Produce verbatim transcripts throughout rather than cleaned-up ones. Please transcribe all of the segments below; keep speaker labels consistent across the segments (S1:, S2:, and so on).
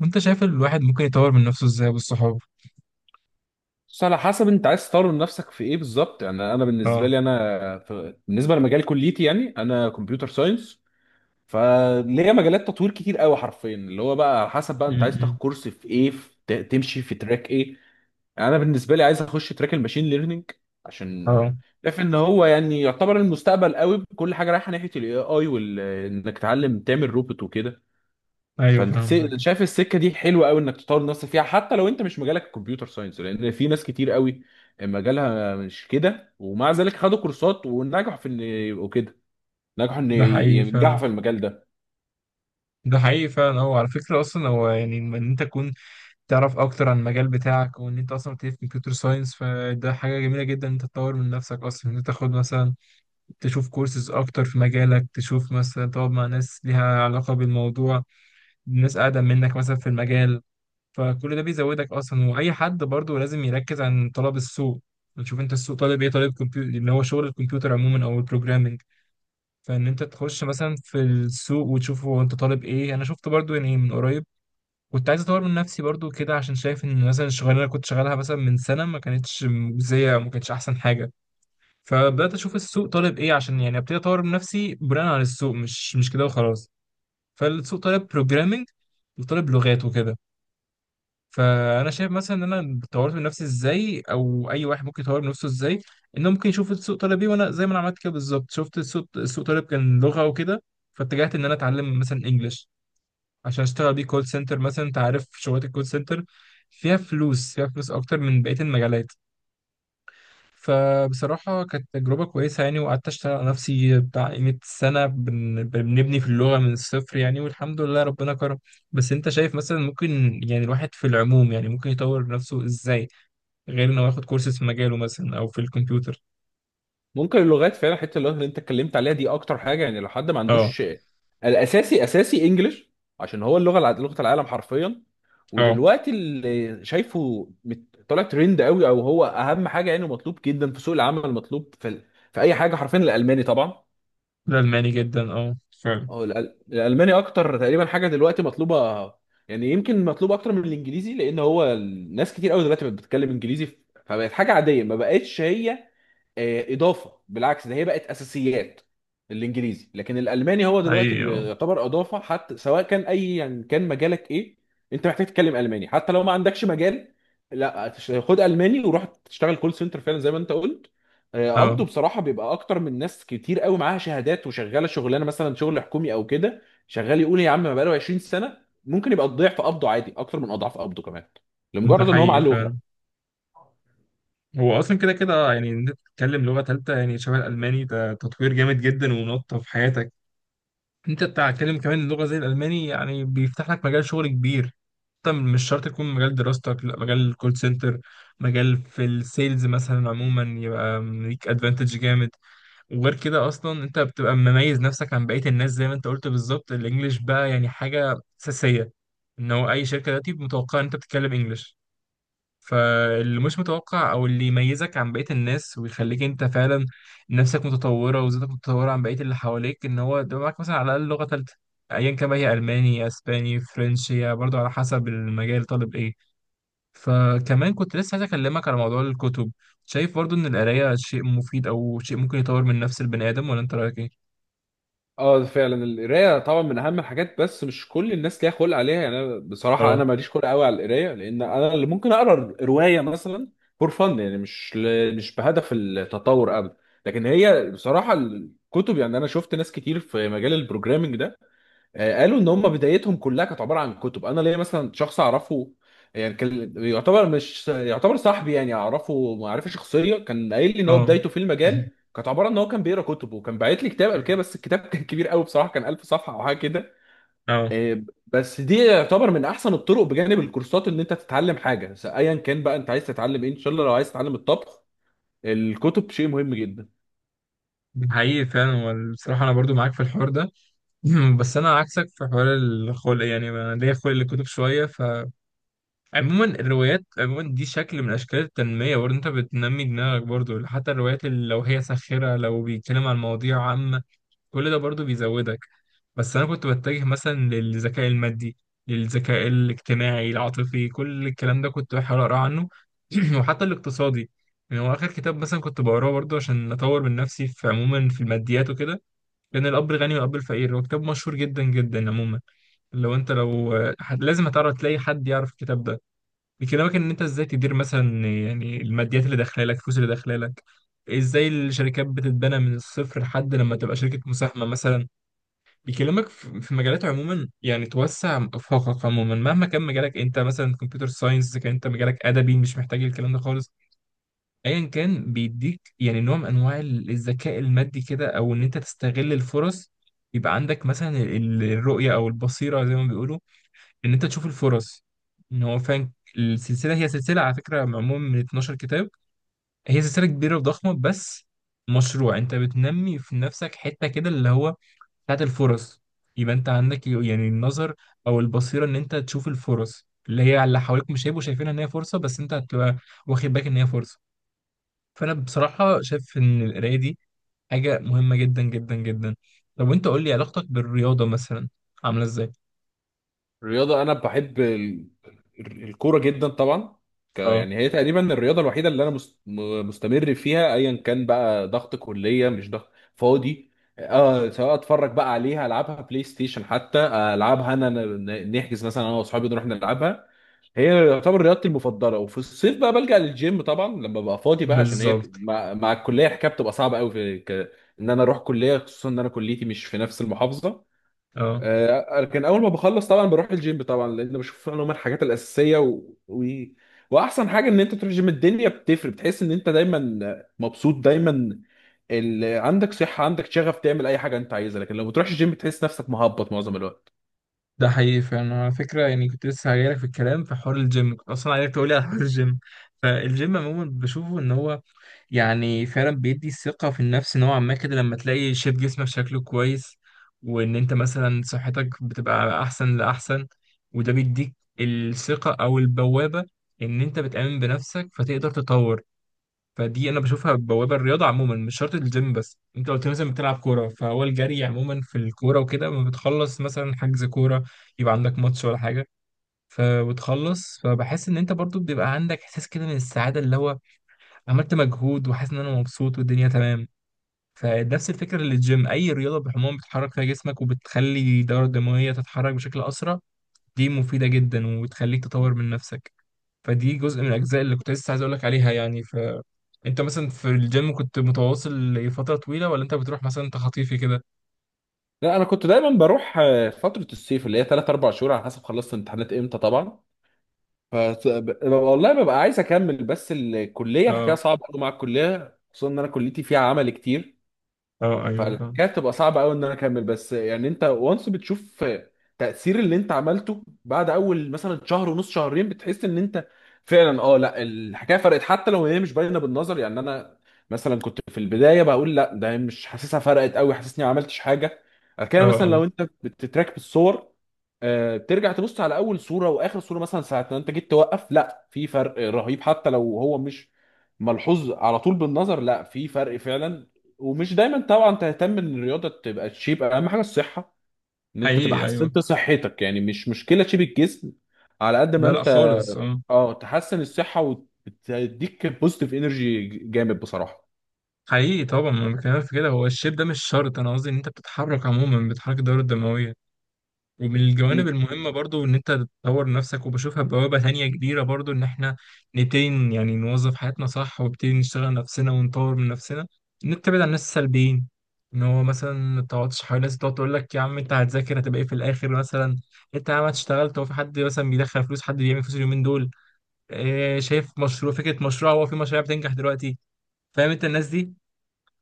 S1: وانت شايف الواحد ممكن يطور من نفسه ازاي بالصحاب؟
S2: بس على حسب انت عايز تطور من نفسك في ايه بالظبط، يعني انا بالنسبه
S1: اه.
S2: لي انا في... بالنسبه لمجال كليتي، يعني انا كمبيوتر ساينس. فليا مجالات تطوير كتير قوي، حرفيا اللي هو بقى على حسب بقى انت عايز تاخد
S1: امم
S2: كورس في ايه، في... ت- تمشي في تراك ايه. يعني انا بالنسبه لي عايز اخش تراك الماشين ليرنينج، عشان
S1: اه.
S2: شايف ان هو يعني يعتبر المستقبل قوي، كل حاجه رايحه ناحيه الاي اي وال انك تتعلم تعمل روبوت وكده.
S1: ايوه،
S2: فالس...
S1: فهمتك.
S2: شايف السكه دي حلوه قوي انك تطور نفسك فيها، حتى لو انت مش مجالك الكمبيوتر ساينس، لان في ناس كتير قوي مجالها مش كده ومع ذلك خدوا كورسات ونجحوا في ان يبقوا كده، نجحوا ان
S1: ده
S2: ي-
S1: حقيقي
S2: ينجحوا
S1: فعلا.
S2: في المجال ده.
S1: ده حقيقي فعلا. هو على فكرة أصلا هو يعني إن أنت تكون تعرف أكتر عن المجال بتاعك وإن أنت أصلا بتدرس كمبيوتر ساينس، فده حاجة جميلة جدا إن أنت تطور من نفسك أصلا، إن أنت تاخد مثلا تشوف كورسز أكتر في مجالك، تشوف مثلا تقعد مع ناس ليها علاقة بالموضوع، ناس أقدم منك مثلا في المجال. فكل ده بيزودك اصلا، واي حد برضو لازم يركز عن طلب السوق. تشوف انت السوق طالب ايه، طالب كمبيوتر اللي هو شغل الكمبيوتر عموما او البروجرامنج. فان انت تخش مثلا في السوق وتشوف هو انت طالب ايه. انا شفت برضو يعني من قريب كنت عايز اطور من نفسي برضو كده، عشان شايف ان مثلا الشغلانه اللي كنت شغالها مثلا من سنه ما كانتش مجزيه، ما كانتش احسن حاجه. فبدات اشوف السوق طالب ايه، عشان يعني ابتدي اطور من نفسي بناء على السوق، مش مش كده وخلاص. فالسوق طالب بروجرامنج وطالب لغات وكده. فانا شايف مثلا ان انا طورت من نفسي ازاي، او اي واحد ممكن يطور من نفسه ازاي، انه ممكن يشوف السوق طلب ايه. وانا زي ما انا عملت كده بالظبط، شفت السوق، السوق طلب كان لغه وكده. فاتجهت ان انا اتعلم مثلا انجلش عشان اشتغل بيه كول سنتر مثلا. انت عارف شغلات الكول سنتر فيها فلوس، فيها فلوس اكتر من بقيه المجالات. فبصراحة كانت تجربة كويسة يعني. وقعدت أشتغل على نفسي بتاع قيمة سنة، بن- بنبني في اللغة من الصفر يعني، والحمد لله ربنا كرم. بس أنت شايف مثلا ممكن يعني الواحد في العموم يعني ممكن يطور نفسه إزاي غير إنه ياخد كورسات في مجاله مثلا أو في الكمبيوتر؟
S2: ممكن اللغات فعلا، حته اللغات اللي انت اتكلمت عليها دي اكتر حاجه، يعني لو حد ما
S1: أه.
S2: عندوش الاساسي، اساسي انجلش، عشان هو اللغه الع- لغه العالم حرفيا.
S1: أه.
S2: ودلوقتي اللي شايفه مت- طالع ترند قوي، او هو اهم حاجه يعني، مطلوب جدا في سوق العمل، مطلوب في في اي حاجه حرفيا، الالماني طبعا.
S1: الألماني جدا، أه. فعلا.
S2: هو الأل- الالماني اكتر تقريبا حاجه دلوقتي مطلوبه. يعني يمكن مطلوب اكتر من الانجليزي، لان هو الناس كتير قوي دلوقتي بقت بتتكلم انجليزي ف- فبقت حاجه عاديه، ما بقتش هي آه، اضافه. بالعكس ده هي بقت اساسيات الانجليزي، لكن الالماني هو دلوقتي
S1: حقيقي،
S2: اللي
S1: أه.
S2: يعتبر اضافه، حتى سواء كان اي، يعني كان مجالك ايه، انت محتاج تتكلم الماني حتى لو ما عندكش مجال. لا تش- خد الماني وروح تشتغل كول سنتر فعلا زي ما انت قلت. آه،
S1: أه.
S2: قبضه بصراحه بيبقى اكتر من ناس كتير قوي معاها شهادات، وشغاله شغلانه مثلا شغل حكومي او كده، شغال يقول يا عم ما بقاله عشرين سنه، ممكن يبقى ضعف قبضه عادي اكتر من اضعاف قبضه كمان،
S1: ده
S2: لمجرد ان هو
S1: حقيقي
S2: معاه لغه.
S1: فعلا. هو أصلا كده كده آه، يعني إن أنت تتكلم لغة تالتة يعني شبه الألماني، ده تطوير جامد جدا ونقطة في حياتك. انت بتتكلم كمان لغه زي الالماني يعني بيفتح لك مجال شغل كبير. طب مش شرط يكون مجال دراستك، لا مجال الكول سنتر، مجال في السيلز مثلا عموما، يبقى ليك ادفانتج جامد. وغير كده اصلا انت بتبقى مميز نفسك عن بقيه الناس. زي ما انت قلت بالظبط، الانجليش بقى يعني حاجه اساسيه، ان هو اي شركه دلوقتي متوقعه ان انت بتتكلم انجليش. فاللي مش متوقع او اللي يميزك عن بقية الناس ويخليك انت فعلا نفسك متطورة وذاتك متطورة عن بقية اللي حواليك، ان هو ده معاك مثلا على الاقل لغة ثالثة. ايا كان بقى، هي الماني، اسباني، فرنش، هي برضه على حسب المجال طالب ايه. فكمان كنت لسه عايز اكلمك على موضوع الكتب. شايف برضه ان القراية شيء مفيد او شيء ممكن يطور من نفس البني ادم، ولا انت رايك ايه؟
S2: اه فعلا، القرايه طبعا من اهم الحاجات، بس مش كل الناس ليها خلق عليها، يعني انا بصراحه
S1: اه.
S2: انا ماليش خلق قوي على القرايه، لان انا اللي ممكن اقرا روايه مثلا فور فن، يعني مش ل... مش بهدف التطور ابدا. لكن هي بصراحه الكتب، يعني انا شفت ناس كتير في مجال البروجرامينج ده، آه، قالوا ان هم بدايتهم كلها كانت عباره عن كتب. انا ليا مثلا شخص اعرفه، يعني كان يعتبر مش يعتبر صاحبي، يعني اعرفه معرفه شخصيه، كان قايل لي ان هو
S1: اه.
S2: بدايته في المجال كانت عباره ان هو كان بيقرا كتب، وكان باعت لي كتاب قبل كده، بس الكتاب كان كبير قوي بصراحه، كان ألف صفحه او حاجه كده.
S1: اه.
S2: آه، بس دي يعتبر من احسن الطرق بجانب الكورسات، ان انت تتعلم حاجه س- ايا كان بقى انت عايز تتعلم ايه، ان شاء الله لو عايز تتعلم الطبخ الكتب شيء مهم جدا.
S1: حقيقي فعلا، والصراحة أنا برضو معاك في الحوار ده. مم، بس انا عكسك في حوار الخلق، يعني انا ليا خلق للكتب شويه. فعموما الروايات عموما دي شكل من اشكال التنميه برضه، انت بتنمي دماغك برضه. حتى الروايات اللي لو هي ساخره، لو بيتكلم عن مواضيع عامه، كل ده برضه بيزودك. بس انا كنت بتجه مثلا للذكاء المادي، للذكاء الاجتماعي العاطفي، كل الكلام ده كنت بحاول اقرا عنه. وحتى الاقتصادي. يعني هو اخر كتاب مثلا كنت بقراه برضه عشان اطور من نفسي في عموما في الماديات وكده، كان الاب الغني والاب الفقير. هو كتاب مشهور جدا جدا عموما. لو انت لو حد- لازم هتعرف تلاقي حد يعرف الكتاب ده. بيكلمك ان انت ازاي تدير مثلا يعني الماديات اللي داخله لك، الفلوس اللي داخله لك، ازاي الشركات بتتبنى من الصفر لحد لما تبقى شركه مساهمه مثلا. بيكلمك في في مجالات عموما، يعني توسع افاقك عموما مهما كان مجالك. انت مثلا كمبيوتر ساينس، كان انت مجالك ادبي مش محتاج الكلام ده خالص. ايا كان، بيديك يعني نوع من انواع الذكاء المادي كده، او ان انت تستغل الفرص، يبقى عندك مثلا ال- الرؤية أو البصيرة زي ما بيقولوا، ان انت تشوف الفرص ان هو فعلا. السلسله هي سلسله على فكره معموله من اتناشر كتاب. هي سلسله كبيره وضخمه. بس مشروع انت بتنمي في نفسك حته كده اللي هو بتاعت الفرص. يبقى انت عندك يعني النظر او البصيره ان انت تشوف الفرص اللي هي على اللي حواليك مش هيبقوا شايفينها ان هي فرصه، بس انت هتبقى واخد بالك ان هي فرصه. فانا بصراحه شايف ان القرايه دي حاجه مهمه جدا جدا جدا. طب وانت قول لي علاقتك بالرياضه مثلا عامله ازاي؟
S2: الرياضه انا بحب الكوره جدا طبعا، ك-
S1: اه.
S2: يعني هي تقريبا الرياضه الوحيده اللي انا مست- م- مستمر فيها ايا كان بقى، ضغط كليه مش ضغط فاضي. اه، سواء اتفرج بقى عليها، العبها بلاي ستيشن حتى، العبها انا ن- نحجز مثلا انا واصحابي نروح نلعبها. هي يعتبر رياضتي المفضله، وفي الصيف بقى بلجأ للجيم طبعا لما ببقى فاضي بقى، عشان هي ك-
S1: بالظبط.
S2: مع, مع الكليه الحكايه بتبقى صعبه قوي في ك... ان انا اروح كليه، خصوصا ان انا كليتي مش في نفس المحافظه.
S1: اه.
S2: آه، لكن اول ما بخلص طبعا بروح الجيم طبعا، لان بشوف ان هم الحاجات الاساسيه و... و... واحسن حاجه ان انت تروح الجيم، الدنيا بتفرق، بتحس ان انت دايما مبسوط دايما، ال... عندك صحه عندك شغف تعمل اي حاجه انت عايزها، لكن لو ما بتروحش الجيم بتحس نفسك مهبط معظم الوقت.
S1: ده حقيقي فعلا. على فكرة يعني كنت لسه هجيلك في الكلام في حوار الجيم، كنت أصلا عايزك تقولي على حوار الجيم. فالجيم عموما بشوفه إن هو يعني فعلا بيدي ثقة في النفس نوعا ما كده، لما تلاقي شيب جسمك شكله كويس، وإن أنت مثلا صحتك بتبقى أحسن لأحسن، وده بيديك الثقة أو البوابة إن أنت بتآمن بنفسك فتقدر تطور. فدي انا بشوفها بوابه، الرياضه عموما مش شرط الجيم. بس انت قلت مثلا بتلعب كوره، فهو الجري عموما في الكوره وكده، لما بتخلص مثلا حجز كوره يبقى عندك ماتش ولا حاجه، فبتخلص فبحس ان انت برضو بيبقى عندك احساس كده من السعاده، اللي هو عملت مجهود وحاسس ان انا مبسوط والدنيا تمام. فنفس الفكره للجيم، اي رياضه بالعموم بتحرك فيها جسمك وبتخلي الدوره الدمويه تتحرك بشكل اسرع، دي مفيده جدا وبتخليك تطور من نفسك. فدي جزء من الاجزاء اللي كنت لسه عايز اقول لك عليها يعني. انت مثلا في الجيم كنت متواصل لفترة طويلة، ولا انت بتروح مثلا تخطيفي كده؟
S2: لا انا كنت دايما بروح، آه، فتره الصيف اللي هي تلاتة أربعة شهور على حسب خلصت امتحانات امتى طبعا، ف ب- والله ببقى عايز اكمل، بس الكليه الحكايه
S1: اه.
S2: صعبه قوي مع الكليه، خصوصا ان انا كليتي فيها عمل كتير،
S1: اه. ايوه طبعا.
S2: فكانت تبقى صعبه قوي ان انا اكمل. بس يعني انت وانس بتشوف تاثير اللي انت عملته بعد اول مثلا شهر ونص، شهرين بتحس ان انت فعلا، اه لا الحكايه فرقت حتى لو هي مش باينه بالنظر، يعني انا مثلا كنت في البدايه بقول لا ده مش حاسسها فرقت قوي، حاسسني ما عملتش حاجه.
S1: اه.
S2: كان مثلا
S1: اه.
S2: لو انت بتتراك بالصور آه، بترجع تبص على اول صوره واخر صوره، مثلا ساعه ما انت جيت توقف، لا في فرق رهيب حتى لو هو مش ملحوظ على طول بالنظر، لا في فرق فعلا. ومش دايما طبعا تهتم ان الرياضه تبقى تشيب، اهم حاجه الصحه، ان انت تبقى
S1: حقيقي ايوه.
S2: حسنت صحتك، يعني مش مشكله تشيب الجسم على قد ما
S1: لا لا
S2: انت،
S1: خالص، اه.
S2: اه تحسن الصحه وتديك بوزيتيف انرجي جامد بصراحه.
S1: حقيقي طبعا، ما بكلمك في كده. هو الشيب ده مش شرط، انا قصدي ان انت بتتحرك عموما، بتحرك الدورة الدموية. ومن الجوانب المهمة برضو إن أنت تطور نفسك، وبشوفها بوابة تانية كبيرة برضو إن إحنا نبتدي ن- يعني نوظف حياتنا صح، ونبتدي نشتغل نفسنا ونطور من نفسنا. إن أنت تبعد عن الناس السلبيين، إن هو مثلا ما تقعدش حوالين ناس تقعد تقول لك يا عم أنت هتذاكر هتبقى إيه في الآخر مثلا، أنت يا عم اشتغلت، هو في حد مثلا بيدخل فلوس، حد بيعمل فلوس اليومين دول، إيه شايف مشروع، فكرة مشروع، هو في مشاريع بتنجح دلوقتي. فاهم أنت الناس دي؟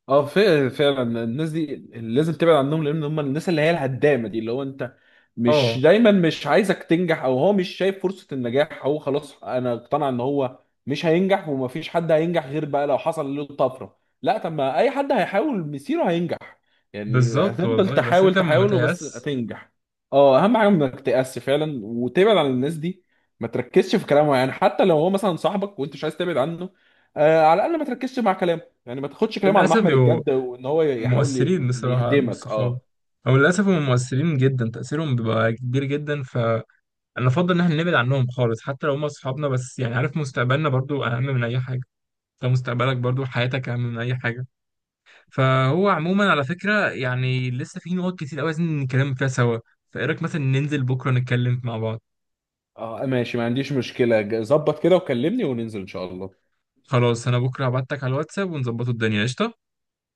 S2: اه فعلا فعلا الناس دي لازم تبعد عنهم، لان هم الناس اللي هي الهدامه دي، اللي هو انت مش
S1: أه.
S2: دايما مش عايزك تنجح، او هو مش شايف فرصه النجاح، هو خلاص انا اقتنع ان هو مش هينجح ومفيش حد هينجح غير بقى لو حصل له طفره، لا طب ما اي حد هيحاول مسيره هينجح، يعني
S1: بالظبط
S2: هتفضل
S1: والله، بس
S2: تحاول
S1: أنت ما
S2: تحاول وبس
S1: تيأس.
S2: هتنجح. اه اهم حاجه انك تقس فعلا، وتبعد عن الناس دي، ما تركزش في كلامه، يعني حتى لو هو مثلا صاحبك وانت مش عايز تبعد عنه، آه على الاقل ما تركزش مع كلامه، يعني ما تاخدش كلام على
S1: للأسف
S2: محمل الجد وان هو يحاول ي-
S1: مؤثرين بصراحة،
S2: يهدمك
S1: والصحاب
S2: اه.
S1: أو للأسف هم مؤثرين جدا، تأثيرهم بيبقى كبير جدا. فأنا أفضل إن إحنا نبعد عنهم خالص، حتى لو هم أصحابنا، بس يعني عارف، مستقبلنا برضو أهم من أي حاجة، فمستقبلك برضو، حياتك أهم من أي حاجة. فهو عموما على فكرة يعني لسه في نقط كتير أوي عايزين نتكلم فيها سوا. فإيه رأيك مثلا ننزل بكرة نتكلم مع بعض؟
S2: اه ماشي، ما عنديش مشكلة، ج- ظبط كده وكلمني وننزل ان شاء الله،
S1: خلاص، أنا بكرة هبعتك على الواتساب ونظبطوا الدنيا قشطة.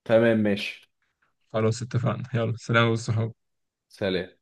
S2: تمام ماشي
S1: خلاص اتفقنا، يلا سلام والصحاب.
S2: سلام.